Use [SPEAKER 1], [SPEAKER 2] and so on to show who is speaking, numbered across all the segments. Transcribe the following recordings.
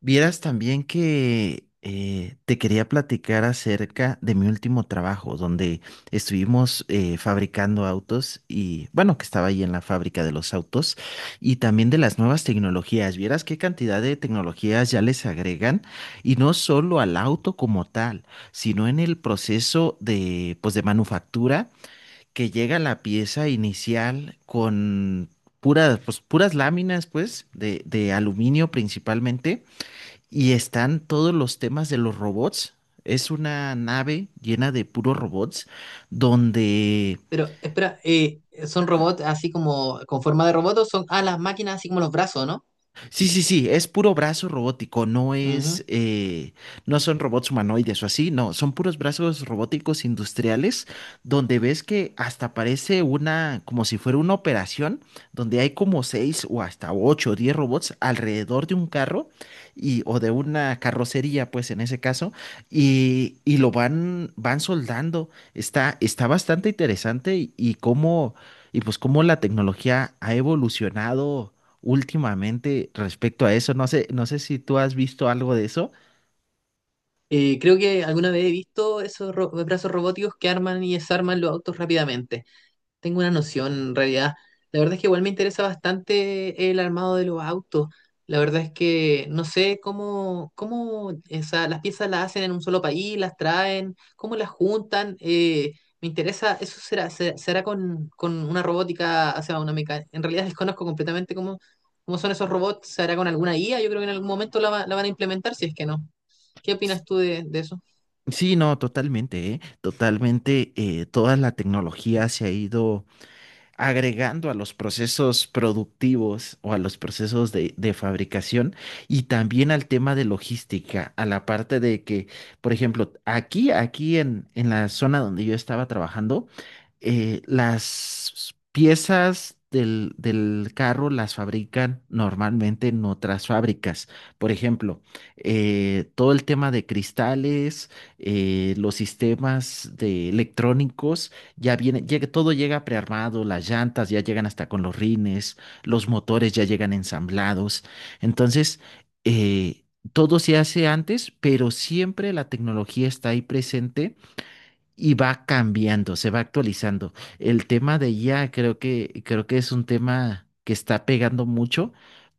[SPEAKER 1] Vieras también que te quería platicar acerca de mi último trabajo, donde estuvimos fabricando autos y, bueno, que estaba ahí en la fábrica de los autos y también de las nuevas tecnologías. Vieras qué cantidad de tecnologías ya les agregan y no solo al auto como tal, sino en el proceso de manufactura que llega la pieza inicial. Puras láminas, pues, de aluminio principalmente y están todos los temas de los robots. Es una nave llena de puros robots donde
[SPEAKER 2] Pero espera, ¿son robots así como con forma de robot o son las máquinas así como los brazos, no?
[SPEAKER 1] Sí, sí, sí, es puro brazo robótico,
[SPEAKER 2] Ujú.
[SPEAKER 1] no son robots humanoides o así, no, son puros brazos robóticos industriales donde ves que hasta parece como si fuera una operación, donde hay como seis o hasta ocho o 10 robots alrededor de un carro y, o de una carrocería, pues en ese caso, y lo van soldando. Está bastante interesante y pues cómo la tecnología ha evolucionado últimamente respecto a eso. No sé si tú has visto algo de eso.
[SPEAKER 2] Creo que alguna vez he visto esos brazos robóticos que arman y desarman los autos rápidamente. Tengo una noción en realidad. La verdad es que igual me interesa bastante el armado de los autos. La verdad es que no sé cómo, las piezas las hacen en un solo país, las traen, cómo las juntan. Me interesa, eso será, será con una robótica, o sea, una mecánica. En realidad desconozco completamente cómo, cómo son esos robots. ¿Se hará con alguna IA? Yo creo que en algún momento la van a implementar, si es que no. ¿Qué
[SPEAKER 1] S-
[SPEAKER 2] opinas tú de eso?
[SPEAKER 1] Sí, no, totalmente, ¿eh? Totalmente, toda la tecnología se ha ido agregando a los procesos productivos o a los procesos de fabricación y también al tema de logística, a la parte de que, por ejemplo, aquí en la zona donde yo estaba trabajando, las piezas del carro las fabrican normalmente en otras fábricas. Por ejemplo, todo el tema de cristales, los sistemas de electrónicos todo llega prearmado, las llantas ya llegan hasta con los rines, los motores ya llegan ensamblados. Entonces, eh, todo se hace antes, pero siempre la tecnología está ahí presente y va cambiando, se va actualizando. El tema de IA creo que es un tema que está pegando mucho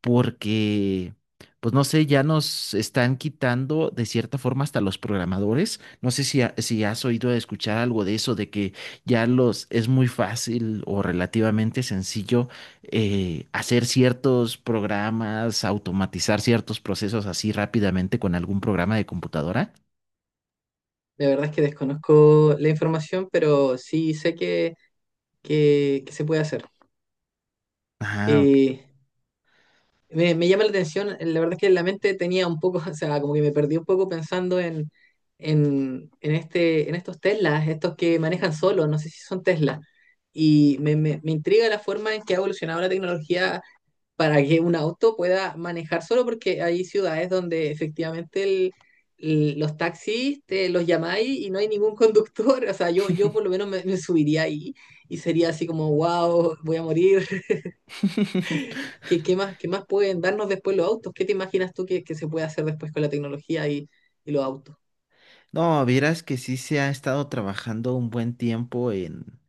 [SPEAKER 1] porque, pues no sé, ya nos están quitando de cierta forma hasta los programadores. No sé si has oído escuchar algo de eso, de que ya los es muy fácil o relativamente sencillo hacer ciertos programas, automatizar ciertos procesos así rápidamente con algún programa de computadora.
[SPEAKER 2] La verdad es que desconozco la información, pero sí sé que se puede hacer.
[SPEAKER 1] Ah, ok.
[SPEAKER 2] Eh, me llama la atención, la verdad es que la mente tenía un poco, o sea, como que me perdí un poco pensando este, en estos Teslas, estos que manejan solos, no sé si son Tesla. Me intriga la forma en que ha evolucionado la tecnología para que un auto pueda manejar solo, porque hay ciudades donde efectivamente los taxis te los llamáis y no hay ningún conductor. O sea, yo por lo menos me subiría ahí y sería así como, wow, voy a morir. ¿ qué más pueden darnos después los autos? ¿Qué te imaginas tú que se puede hacer después con la tecnología y los autos?
[SPEAKER 1] No, vieras que sí se ha estado trabajando un buen tiempo en,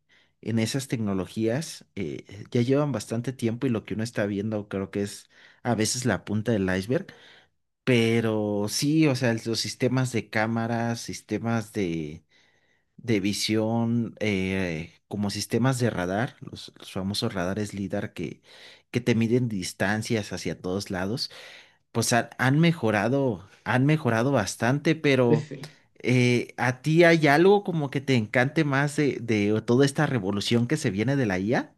[SPEAKER 1] en esas tecnologías. Ya llevan bastante tiempo y lo que uno está viendo creo que es a veces la punta del iceberg. Pero sí, o sea, los sistemas de cámaras, sistemas de visión, como sistemas de radar, los famosos radares LIDAR que te miden distancias hacia todos lados pues han mejorado bastante,
[SPEAKER 2] En
[SPEAKER 1] pero
[SPEAKER 2] fin.
[SPEAKER 1] ¿a ti hay algo como que te encante más de toda esta revolución que se viene de la IA?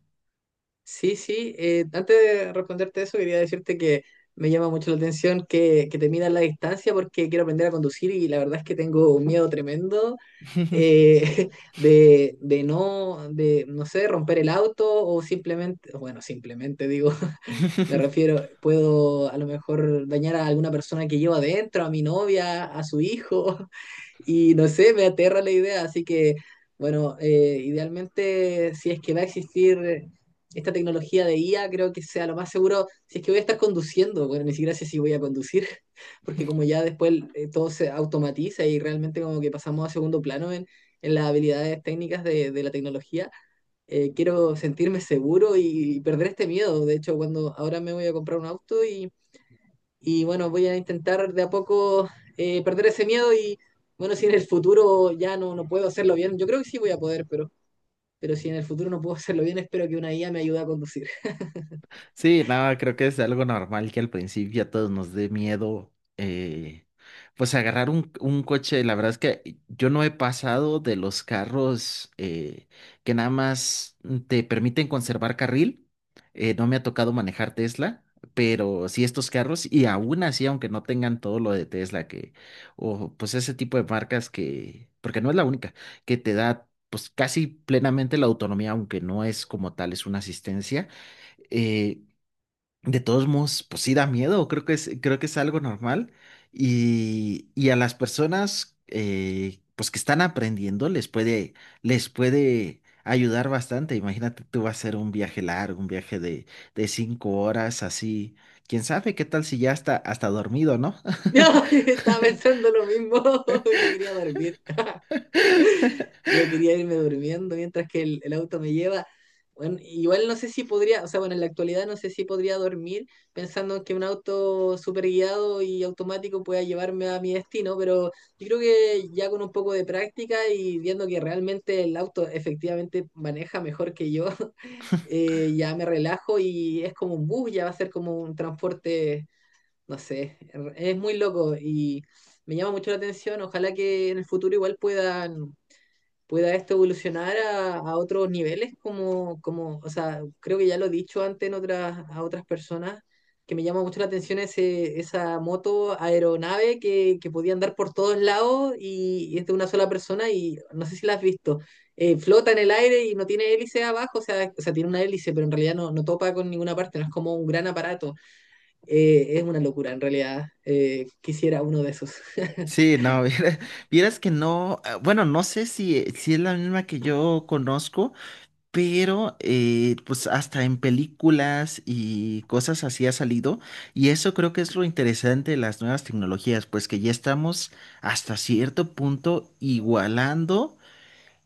[SPEAKER 2] Sí, sí. Antes de responderte eso, quería decirte que me llama mucho la atención que te midas la distancia porque quiero aprender a conducir y la verdad es que tengo un miedo tremendo eh, de, no sé, romper el auto o simplemente, bueno, simplemente digo, me refiero, puedo a lo mejor dañar a alguna persona que llevo adentro, a mi novia, a su hijo. Y no sé, me aterra la idea, así que, bueno, idealmente, si es que va a existir esta tecnología de IA, creo que sea lo más seguro, si es que voy a estar conduciendo, bueno, ni siquiera sé si voy a conducir, porque como ya después todo se automatiza y realmente como que pasamos a segundo plano en las habilidades técnicas de la tecnología, quiero sentirme seguro y perder este miedo. De hecho, cuando ahora me voy a comprar un auto y bueno, voy a intentar de a poco perder ese miedo y bueno, si en el futuro ya no, no puedo hacerlo bien, yo creo que sí voy a poder, pero si en el futuro no puedo hacerlo bien, espero que una IA me ayude a conducir.
[SPEAKER 1] Sí, no, creo que es algo normal que al principio a todos nos dé miedo, eh, pues agarrar un coche. La verdad es que yo no he pasado de los carros que nada más te permiten conservar carril. No me ha tocado manejar Tesla, pero sí estos carros y aún así, aunque no tengan todo lo de Tesla, que, o pues ese tipo de marcas que, porque no es la única, que te da pues casi plenamente la autonomía, aunque no es como tal, es una asistencia. Eh, de todos modos, pues sí da miedo, creo que es algo normal. Y a las personas pues que están aprendiendo les puede ayudar bastante. Imagínate, tú vas a hacer un viaje largo, un viaje de 5 horas, así. ¿Quién sabe qué tal si ya está hasta dormido, no?
[SPEAKER 2] No, estaba pensando lo mismo, yo quería dormir. Yo quería irme durmiendo mientras que el auto me lleva. Bueno, igual no sé si podría, o sea, bueno, en la actualidad no sé si podría dormir pensando que un auto super guiado y automático pueda llevarme a mi destino, pero yo creo que ya con un poco de práctica y viendo que realmente el auto efectivamente maneja mejor que yo, ya me relajo y es como un bus, ya va a ser como un transporte, no sé, es muy loco y me llama mucho la atención, ojalá que en el futuro igual pueda esto evolucionar a otros niveles, como, como, o sea, creo que ya lo he dicho antes en otras, a otras personas, que me llama mucho la atención ese, esa moto aeronave que podía andar por todos lados y es de una sola persona y no sé si la has visto. Flota en el aire y no tiene hélice abajo, o sea, tiene una hélice, pero en realidad no, no topa con ninguna parte, no es como un gran aparato. Es una locura, en realidad. Quisiera uno de esos.
[SPEAKER 1] Sí, no, vieras que no, bueno, no sé si es la misma que yo conozco. Pero pues hasta en películas y cosas así ha salido. Y eso creo que es lo interesante de las nuevas tecnologías, pues que ya estamos hasta cierto punto igualando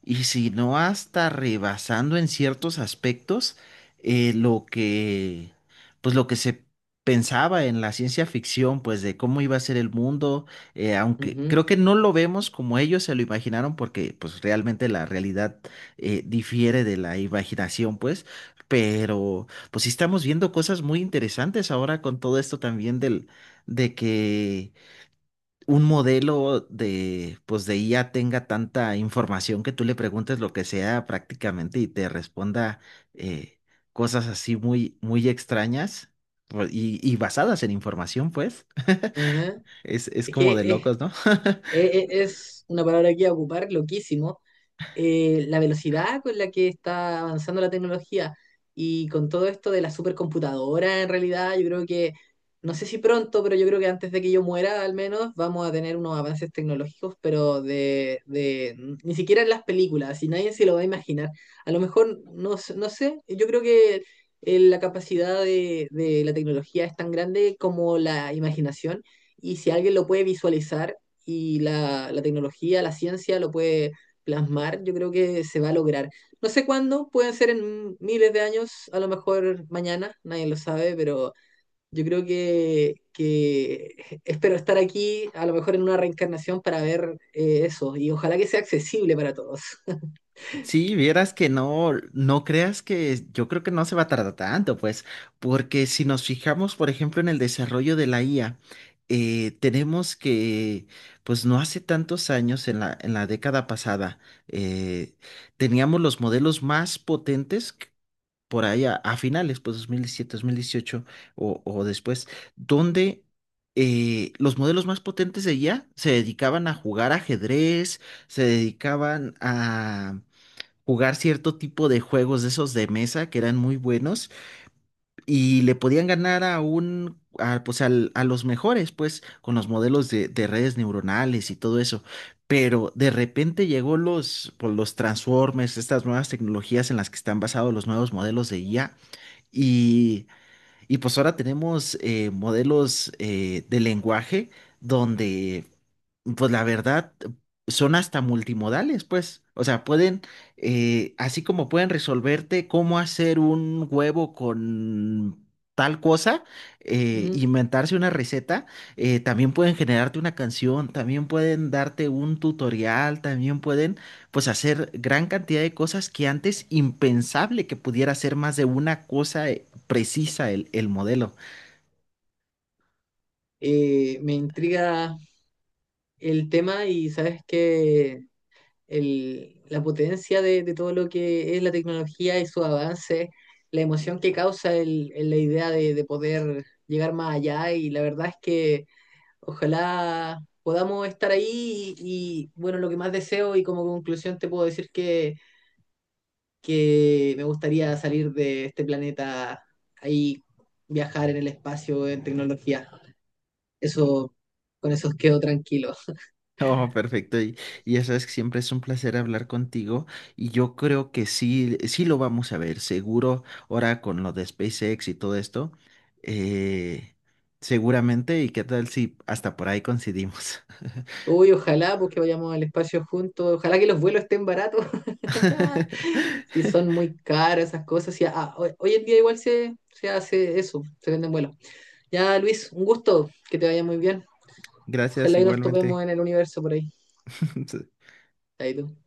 [SPEAKER 1] y si no hasta rebasando en ciertos aspectos lo que, pues lo que se pensaba en la ciencia ficción, pues de cómo iba a ser el mundo, aunque
[SPEAKER 2] Ujú,
[SPEAKER 1] creo que no lo vemos como ellos se lo imaginaron, porque pues realmente la realidad difiere de la imaginación, pues, pero pues sí estamos viendo cosas muy interesantes ahora con todo esto también del, de que un modelo de IA tenga tanta información que tú le preguntes lo que sea prácticamente y te responda eh, cosas así muy, muy extrañas pues, y basadas en información, pues.
[SPEAKER 2] ajá.
[SPEAKER 1] Es
[SPEAKER 2] Es
[SPEAKER 1] como de
[SPEAKER 2] que es,
[SPEAKER 1] locos, ¿no?
[SPEAKER 2] E- e- Es una palabra que iba a ocupar, loquísimo, la velocidad con la que está avanzando la tecnología y con todo esto de la supercomputadora, en realidad, yo creo que, no sé si pronto, pero yo creo que antes de que yo muera, al menos, vamos a tener unos avances tecnológicos, pero de ni siquiera en las películas, y nadie se lo va a imaginar. A lo mejor, no, no sé, yo creo que la capacidad de la tecnología es tan grande como la imaginación, y si alguien lo puede visualizar, y la tecnología, la ciencia lo puede plasmar, yo creo que se va a lograr. No sé cuándo, pueden ser en miles de años, a lo mejor mañana, nadie lo sabe, pero yo creo que espero estar aquí, a lo mejor en una reencarnación para ver eso, y ojalá que sea accesible para todos.
[SPEAKER 1] Sí, vieras que no, no creas que yo creo que no se va a tardar tanto, pues, porque si nos fijamos, por ejemplo, en el desarrollo de la IA, tenemos que, pues no hace tantos años, en la década pasada, eh, teníamos los modelos más potentes por ahí a, finales, pues dos mil diecisiete, 2018 o después, donde... eh, los modelos más potentes de IA se dedicaban a jugar ajedrez, se dedicaban a jugar cierto tipo de juegos de esos de mesa que eran muy buenos y le podían ganar a un, a, pues al- a los mejores, pues con los modelos de redes neuronales y todo eso. Pero de repente llegó los Transformers, estas nuevas tecnologías en las que están basados los nuevos modelos de IA y y pues ahora tenemos modelos de lenguaje donde, pues la verdad, son hasta multimodales, pues. O sea, pueden, así como pueden resolverte cómo hacer un huevo con tal cosa,
[SPEAKER 2] Ujú.
[SPEAKER 1] inventarse una receta, también pueden generarte una canción, también pueden darte un tutorial, también pueden, pues, hacer gran cantidad de cosas que antes impensable que pudiera hacer más de una cosa precisa el modelo.
[SPEAKER 2] Me intriga el tema y sabes que la potencia de todo lo que es la tecnología y su avance, la emoción que causa la idea de poder llegar más allá y la verdad es que ojalá podamos estar ahí y, bueno, lo que más deseo y como conclusión te puedo decir que me gustaría salir de este planeta ahí, viajar en el espacio, en tecnología. Eso, con eso quedo tranquilo.
[SPEAKER 1] Oh, perfecto. Y ya sabes que siempre es un placer hablar contigo y yo creo que sí, sí lo vamos a ver, seguro, ahora con lo de SpaceX y todo esto, eh, seguramente, y qué tal si hasta por ahí coincidimos.
[SPEAKER 2] Uy, ojalá porque vayamos al espacio juntos, ojalá que los vuelos estén baratos. Si son muy caras esas cosas. Si, ah, hoy, hoy en día igual se, se hace eso, se venden vuelos. Ya, Luis, un gusto, que te vaya muy bien.
[SPEAKER 1] Gracias
[SPEAKER 2] Ojalá que nos
[SPEAKER 1] igualmente.
[SPEAKER 2] topemos en el universo por ahí. Ahí tú.